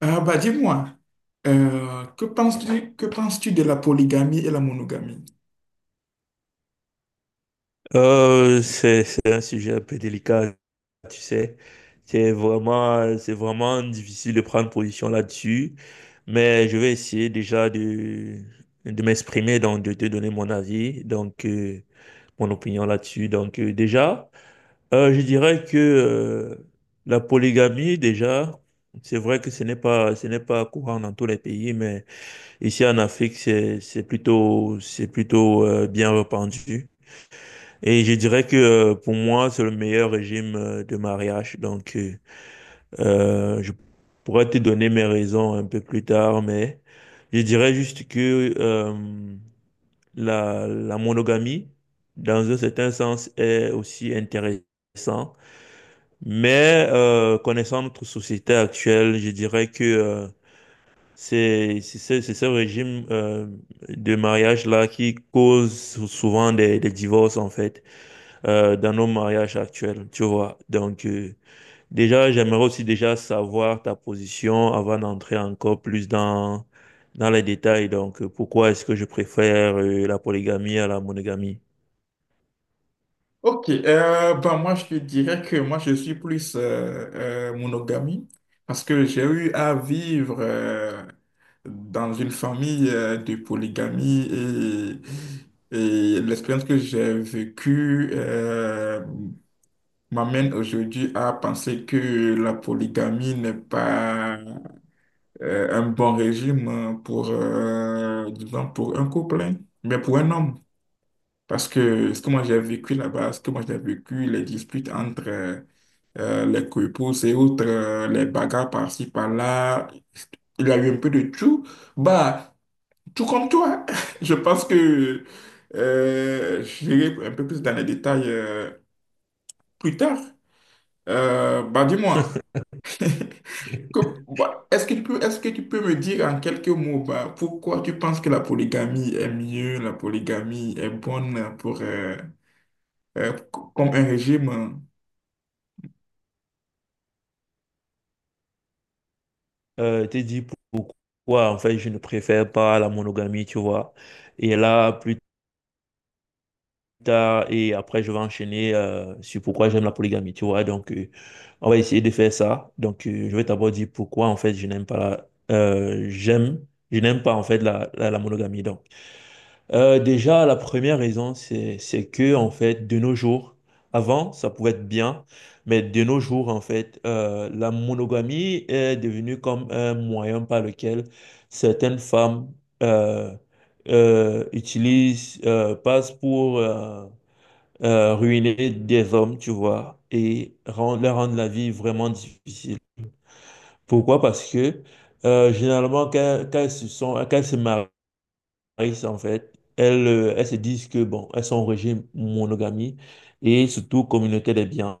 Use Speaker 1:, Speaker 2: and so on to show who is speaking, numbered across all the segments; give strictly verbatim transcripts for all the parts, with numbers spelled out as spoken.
Speaker 1: Ah bah dis-moi, euh, que penses-tu, que penses-tu de la polygamie et la monogamie?
Speaker 2: Euh, c'est, c'est un sujet un peu délicat, tu sais. C'est vraiment, c'est vraiment difficile de prendre position là-dessus, mais je vais essayer déjà de, de m'exprimer, donc de te donner mon avis, donc euh, mon opinion là-dessus. Donc euh, déjà, euh, je dirais que euh, la polygamie, déjà, c'est vrai que ce n'est pas, ce n'est pas courant dans tous les pays, mais ici en Afrique, c'est, c'est plutôt, c'est plutôt euh, bien répandu. Et je dirais que euh, pour moi, c'est le meilleur régime euh, de mariage. Donc, euh, euh, je pourrais te donner mes raisons un peu plus tard, mais je dirais juste que euh, la, la monogamie, dans un certain sens, est aussi intéressant. Mais euh, connaissant notre société actuelle, je dirais que euh, c'est c'est ce c'est ce régime euh, de mariage-là qui cause sou- souvent des, des divorces, en fait euh, dans nos mariages actuels, tu vois. Donc, euh, déjà, j'aimerais aussi déjà savoir ta position avant d'entrer encore plus dans, dans les détails. Donc, euh, pourquoi est-ce que je préfère euh, la polygamie à la monogamie?
Speaker 1: Ok, euh, bah moi je te dirais que moi je suis plus euh, euh, monogamie parce que j'ai eu à vivre euh, dans une famille euh, de polygamie et, et l'expérience que j'ai vécue euh, m'amène aujourd'hui à penser que la polygamie n'est pas euh, un bon régime euh, pour, euh, disons, pour un couple, hein, mais pour un homme. Parce que ce que moi j'ai vécu là-bas, ce que moi j'ai vécu, les disputes entre euh, euh, les couples et autres, euh, les bagarres par-ci, par-là, il y a eu un peu de tout. Bah, tout comme toi. Je pense que euh, j'irai un peu plus dans les détails euh, plus tard. Euh, bah, dis-moi, Que- bah, est-ce que tu peux, est-ce que tu peux me dire en quelques mots, bah, pourquoi tu penses que la polygamie est mieux, la polygamie est bonne pour, euh, euh, comme un régime?
Speaker 2: Euh, t'es dit pourquoi, en fait, je ne préfère pas la monogamie, tu vois. Et là, plus tard et après je vais enchaîner euh, sur pourquoi j'aime la polygamie, tu vois. Donc euh, on va essayer de faire ça. Donc euh, je vais d'abord dire pourquoi en fait je n'aime pas la- euh, j'aime je n'aime pas en fait la, la, la monogamie. Donc, Euh, déjà la première raison c'est c'est que en fait de nos jours avant ça pouvait être bien mais de nos jours en fait euh, la monogamie est devenue comme un moyen par lequel certaines femmes euh, euh, utilisent euh, passent pour euh, euh, ruiner des hommes, tu vois, et rendre, leur rendre la vie vraiment difficile. Pourquoi? Parce que euh, généralement, quand, quand elles se sont, quand elles se marient, en fait, elles, euh, elles se disent que, bon, elles sont en régime monogamie et surtout communauté des biens,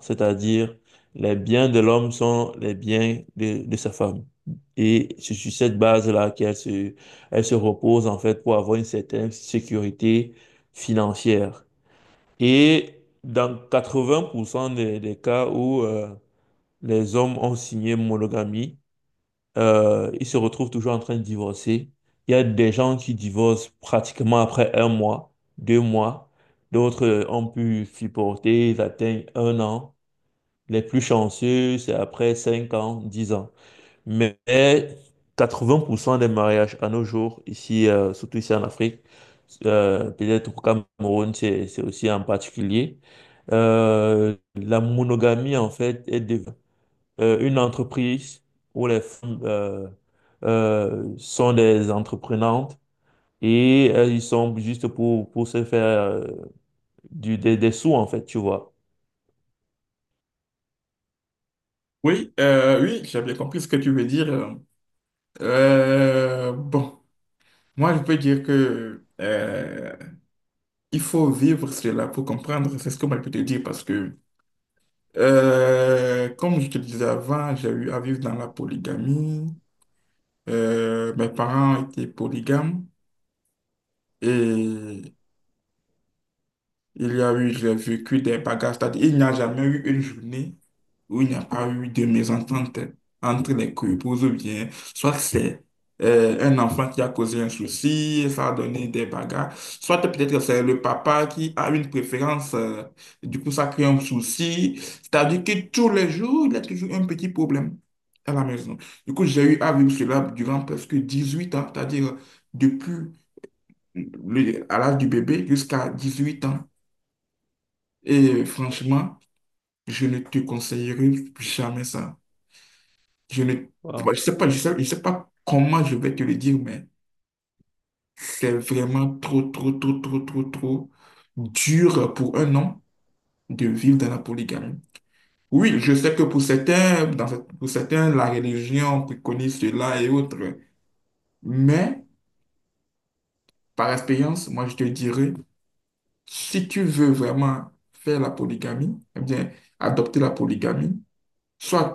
Speaker 2: c'est-à-dire les biens de l'homme sont les biens de, de sa femme. Et c'est sur cette base-là qu'elles se, elles se reposent, en fait, pour avoir une certaine sécurité financière. Et dans quatre-vingts pour cent des, des cas où euh, les hommes ont signé monogamie, euh, ils se retrouvent toujours en train de divorcer. Il y a des gens qui divorcent pratiquement après un mois, deux mois. D'autres euh, ont pu supporter, ils atteignent un an. Les plus chanceux, c'est après cinq ans, dix ans. Mais quatre-vingts pour cent des mariages à nos jours, ici, euh, surtout ici en Afrique, euh, peut-être au Cameroun, c'est c'est aussi en particulier, euh, la monogamie, en fait, est devenue euh, une entreprise où les femmes euh, euh, sont des entreprenantes et euh, ils sont juste pour, pour se faire euh, du, des, des sous, en fait, tu vois.
Speaker 1: Oui, euh, oui, j'ai bien compris ce que tu veux dire. Euh, bon, moi je peux dire que euh, il faut vivre cela pour comprendre, c'est ce que moi je peux te dire parce que, euh, comme je te disais avant, j'ai eu à vivre dans la polygamie. Euh, mes parents étaient polygames. Et il y a eu, j'ai vécu des bagarres. C'est-à-dire, il n'y a jamais eu une journée où il n'y a pas eu de mésentente entre les couples ou bien, soit c'est euh, un enfant qui a causé un souci, et ça a donné des bagarres, soit peut-être que c'est le papa qui a une préférence, euh, du coup ça crée un souci. C'est-à-dire que tous les jours, il y a toujours un petit problème à la maison. Du coup, j'ai eu à vivre cela durant presque dix-huit ans, c'est-à-dire depuis le- à l'âge du bébé jusqu'à dix huit ans. Et franchement, je ne te conseillerais jamais ça. Je ne, moi, je sais pas, je sais, je sais pas comment je vais te le dire, mais c'est vraiment trop, trop, trop, trop, trop, trop dur pour un homme de vivre dans la polygamie. Oui, je sais que pour certains, dans, cette- pour certains, la religion préconise cela et autres, mais par expérience, moi, je te dirais si tu veux vraiment faire la polygamie, eh bien, adopter la polygamie, soit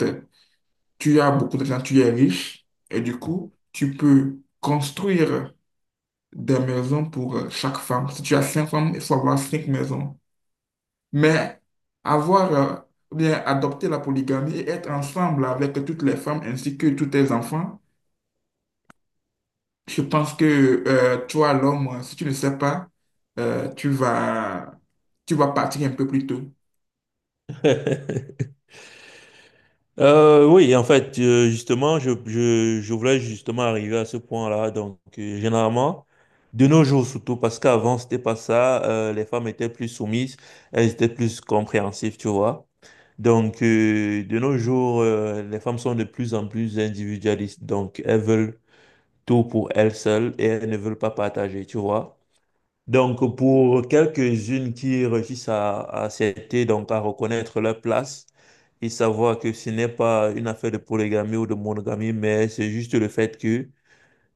Speaker 1: tu as beaucoup d'argent, tu es riche, et du coup, tu peux construire des maisons pour euh, chaque femme. Si tu as cinq femmes, il faut avoir cinq maisons. Mais avoir, euh, ou bien, adopter la polygamie et être ensemble avec toutes les femmes ainsi que tous tes enfants, je pense que euh, toi, l'homme, si tu ne sais pas, euh, tu vas, tu vas partir un peu plus tôt.
Speaker 2: Euh, oui, en fait, euh, justement, je, je, je voulais justement arriver à ce point-là. Donc, euh, généralement, de nos jours surtout, parce qu'avant, c'était pas ça, euh, les femmes étaient plus soumises, elles étaient plus compréhensives, tu vois. Donc, euh, de nos jours, euh, les femmes sont de plus en plus individualistes. Donc, elles veulent tout pour elles seules et elles ne veulent pas partager, tu vois. Donc, pour quelques-unes qui réussissent à, à accepter, donc à reconnaître leur place et savoir que ce n'est pas une affaire de polygamie ou de monogamie, mais c'est juste le fait que,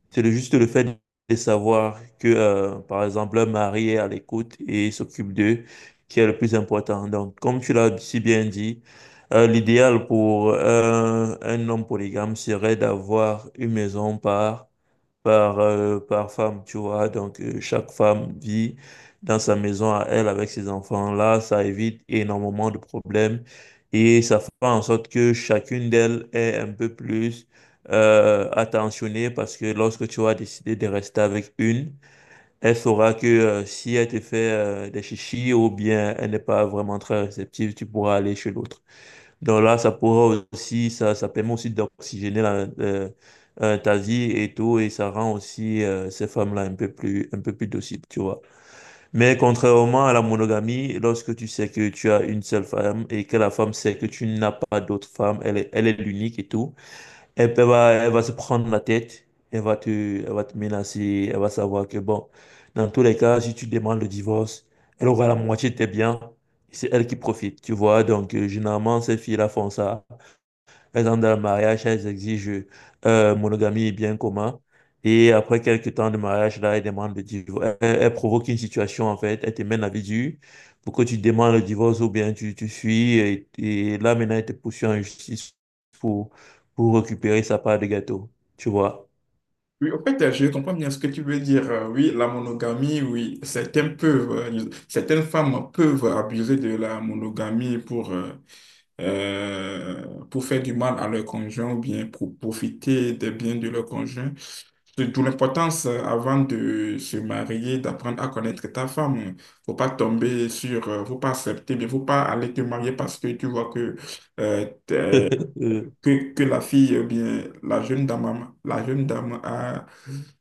Speaker 2: c'est le- juste le fait de savoir que, euh, par exemple, leur mari est à l'écoute et s'occupe d'eux, qui est le plus important. Donc, comme tu l'as si bien dit, euh, l'idéal pour un un homme polygame serait d'avoir une maison par par, euh, par femme, tu vois. Donc, euh, chaque femme vit dans sa maison à elle avec ses enfants-là. Ça évite énormément de problèmes et ça fait en sorte que chacune d'elles est un peu plus euh, attentionnée parce que lorsque tu vas décider de rester avec une, elle saura que euh, si elle te fait euh, des chichis ou bien elle n'est pas vraiment très réceptive, tu pourras aller chez l'autre. Donc là, ça pourra aussi, ça, ça permet aussi d'oxygéner la, euh, euh, ta vie et tout, et ça rend aussi euh, ces femmes-là un peu plus, un peu plus dociles, tu vois. Mais contrairement à la monogamie, lorsque tu sais que tu as une seule femme et que la femme sait que tu n'as pas d'autres femmes, elle est, elle est l'unique et tout, elle peut- va, elle va se prendre la tête, elle va te, elle va te menacer, elle va savoir que bon, dans tous les cas, si tu demandes le divorce, elle aura la moitié de tes biens. C'est elle qui profite, tu vois. Donc, euh, généralement, ces filles-là font ça par exemple, dans le mariage, elles exigent euh, monogamie et bien commun. Et après quelques temps de mariage, là, elles demandent le divorce. Elles, elles provoquent une situation, en fait. Elles te mènent la vie dure pour que tu demandes le divorce ou bien tu, tu fuis. Et, et là, maintenant, elles te poursuivent en justice pour, pour récupérer sa part de gâteau. Tu vois?
Speaker 1: Oui, en fait, je comprends bien ce que tu veux dire. Euh, Oui, la monogamie, oui, certaines peuvent, euh, certaines femmes peuvent abuser de la monogamie pour, euh, euh, pour faire du mal à leur conjoint ou bien pour profiter des biens de leur conjoint. C'est d'où l'importance, euh, avant de se marier, d'apprendre à connaître ta femme. Faut pas tomber sur, euh, faut pas accepter, mais faut pas aller te marier parce que tu vois que
Speaker 2: Euh,
Speaker 1: que, que la fille, eh bien, la jeune dame, a- la jeune dame a,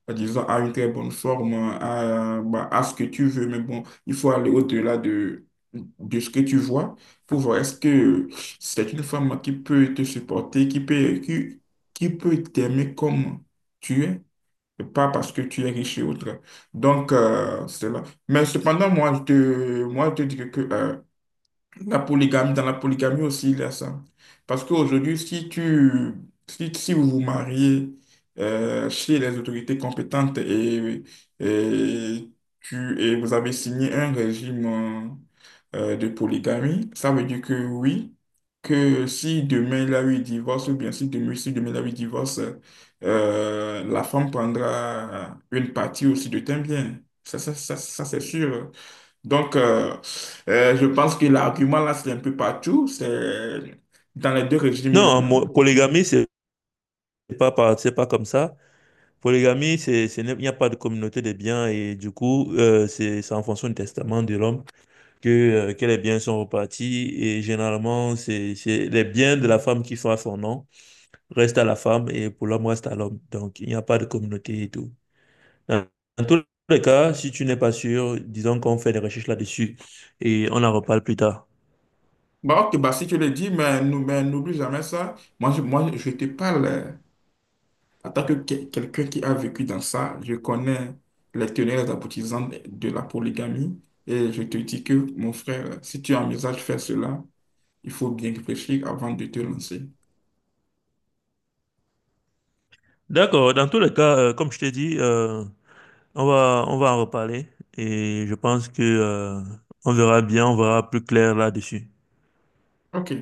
Speaker 1: euh, disons, a une très bonne forme, a, bah, a ce que tu veux, mais bon, il faut aller au-delà de, de ce que tu vois pour voir est-ce que c'est une femme qui peut te supporter, qui peut, qui, qui peut t'aimer comme tu es, et pas parce que tu es riche et autre. Donc, euh, c'est là. Mais cependant, moi, je te, moi, je te dis que, euh, la polygamie, dans la polygamie aussi, il y a ça. Parce qu'aujourd'hui, si tu, si, si vous vous mariez euh, chez les autorités compétentes et, et, tu, et vous avez signé un régime euh, euh, de polygamie, ça veut dire que oui, que si demain il y a eu divorce, ou bien si demain, si demain il y a eu divorce, euh, la femme prendra une partie aussi de tes biens. Ça, ça, ça, ça c'est sûr. Donc, euh, euh, je pense que l'argument là, c'est un peu partout. C'est dans les deux régimes. il est-
Speaker 2: Non, mo- polygamie, c'est pas, par- c'est pas comme ça. Polygamie, c'est, c'est- il n'y a pas de communauté des biens et du coup, euh, c'est c'est en fonction du testament de l'homme. que, euh, que les biens sont repartis et généralement, c'est, c'est les biens de la femme qui sont à son nom restent à la femme et pour l'homme reste à l'homme. Donc, il n'y a pas de communauté et tout. Dans, dans tous les cas, si tu n'es pas sûr, disons qu'on fait des recherches là-dessus et on en reparle plus tard.
Speaker 1: Bon, ok, bah, si tu le dis, mais nou- mais n'oublie jamais ça. Moi, je, moi, je te parle euh, en tant que que- quelqu'un qui a vécu dans ça. Je connais les tenants et les aboutissants de de la polygamie. Et je te dis que, mon frère, si tu envisages de faire cela, il faut bien réfléchir avant de te lancer.
Speaker 2: D'accord, dans tous les cas, euh, comme je t'ai dit, euh, on va, on va en reparler et je pense que, euh, on verra bien, on verra plus clair là-dessus.
Speaker 1: Ok.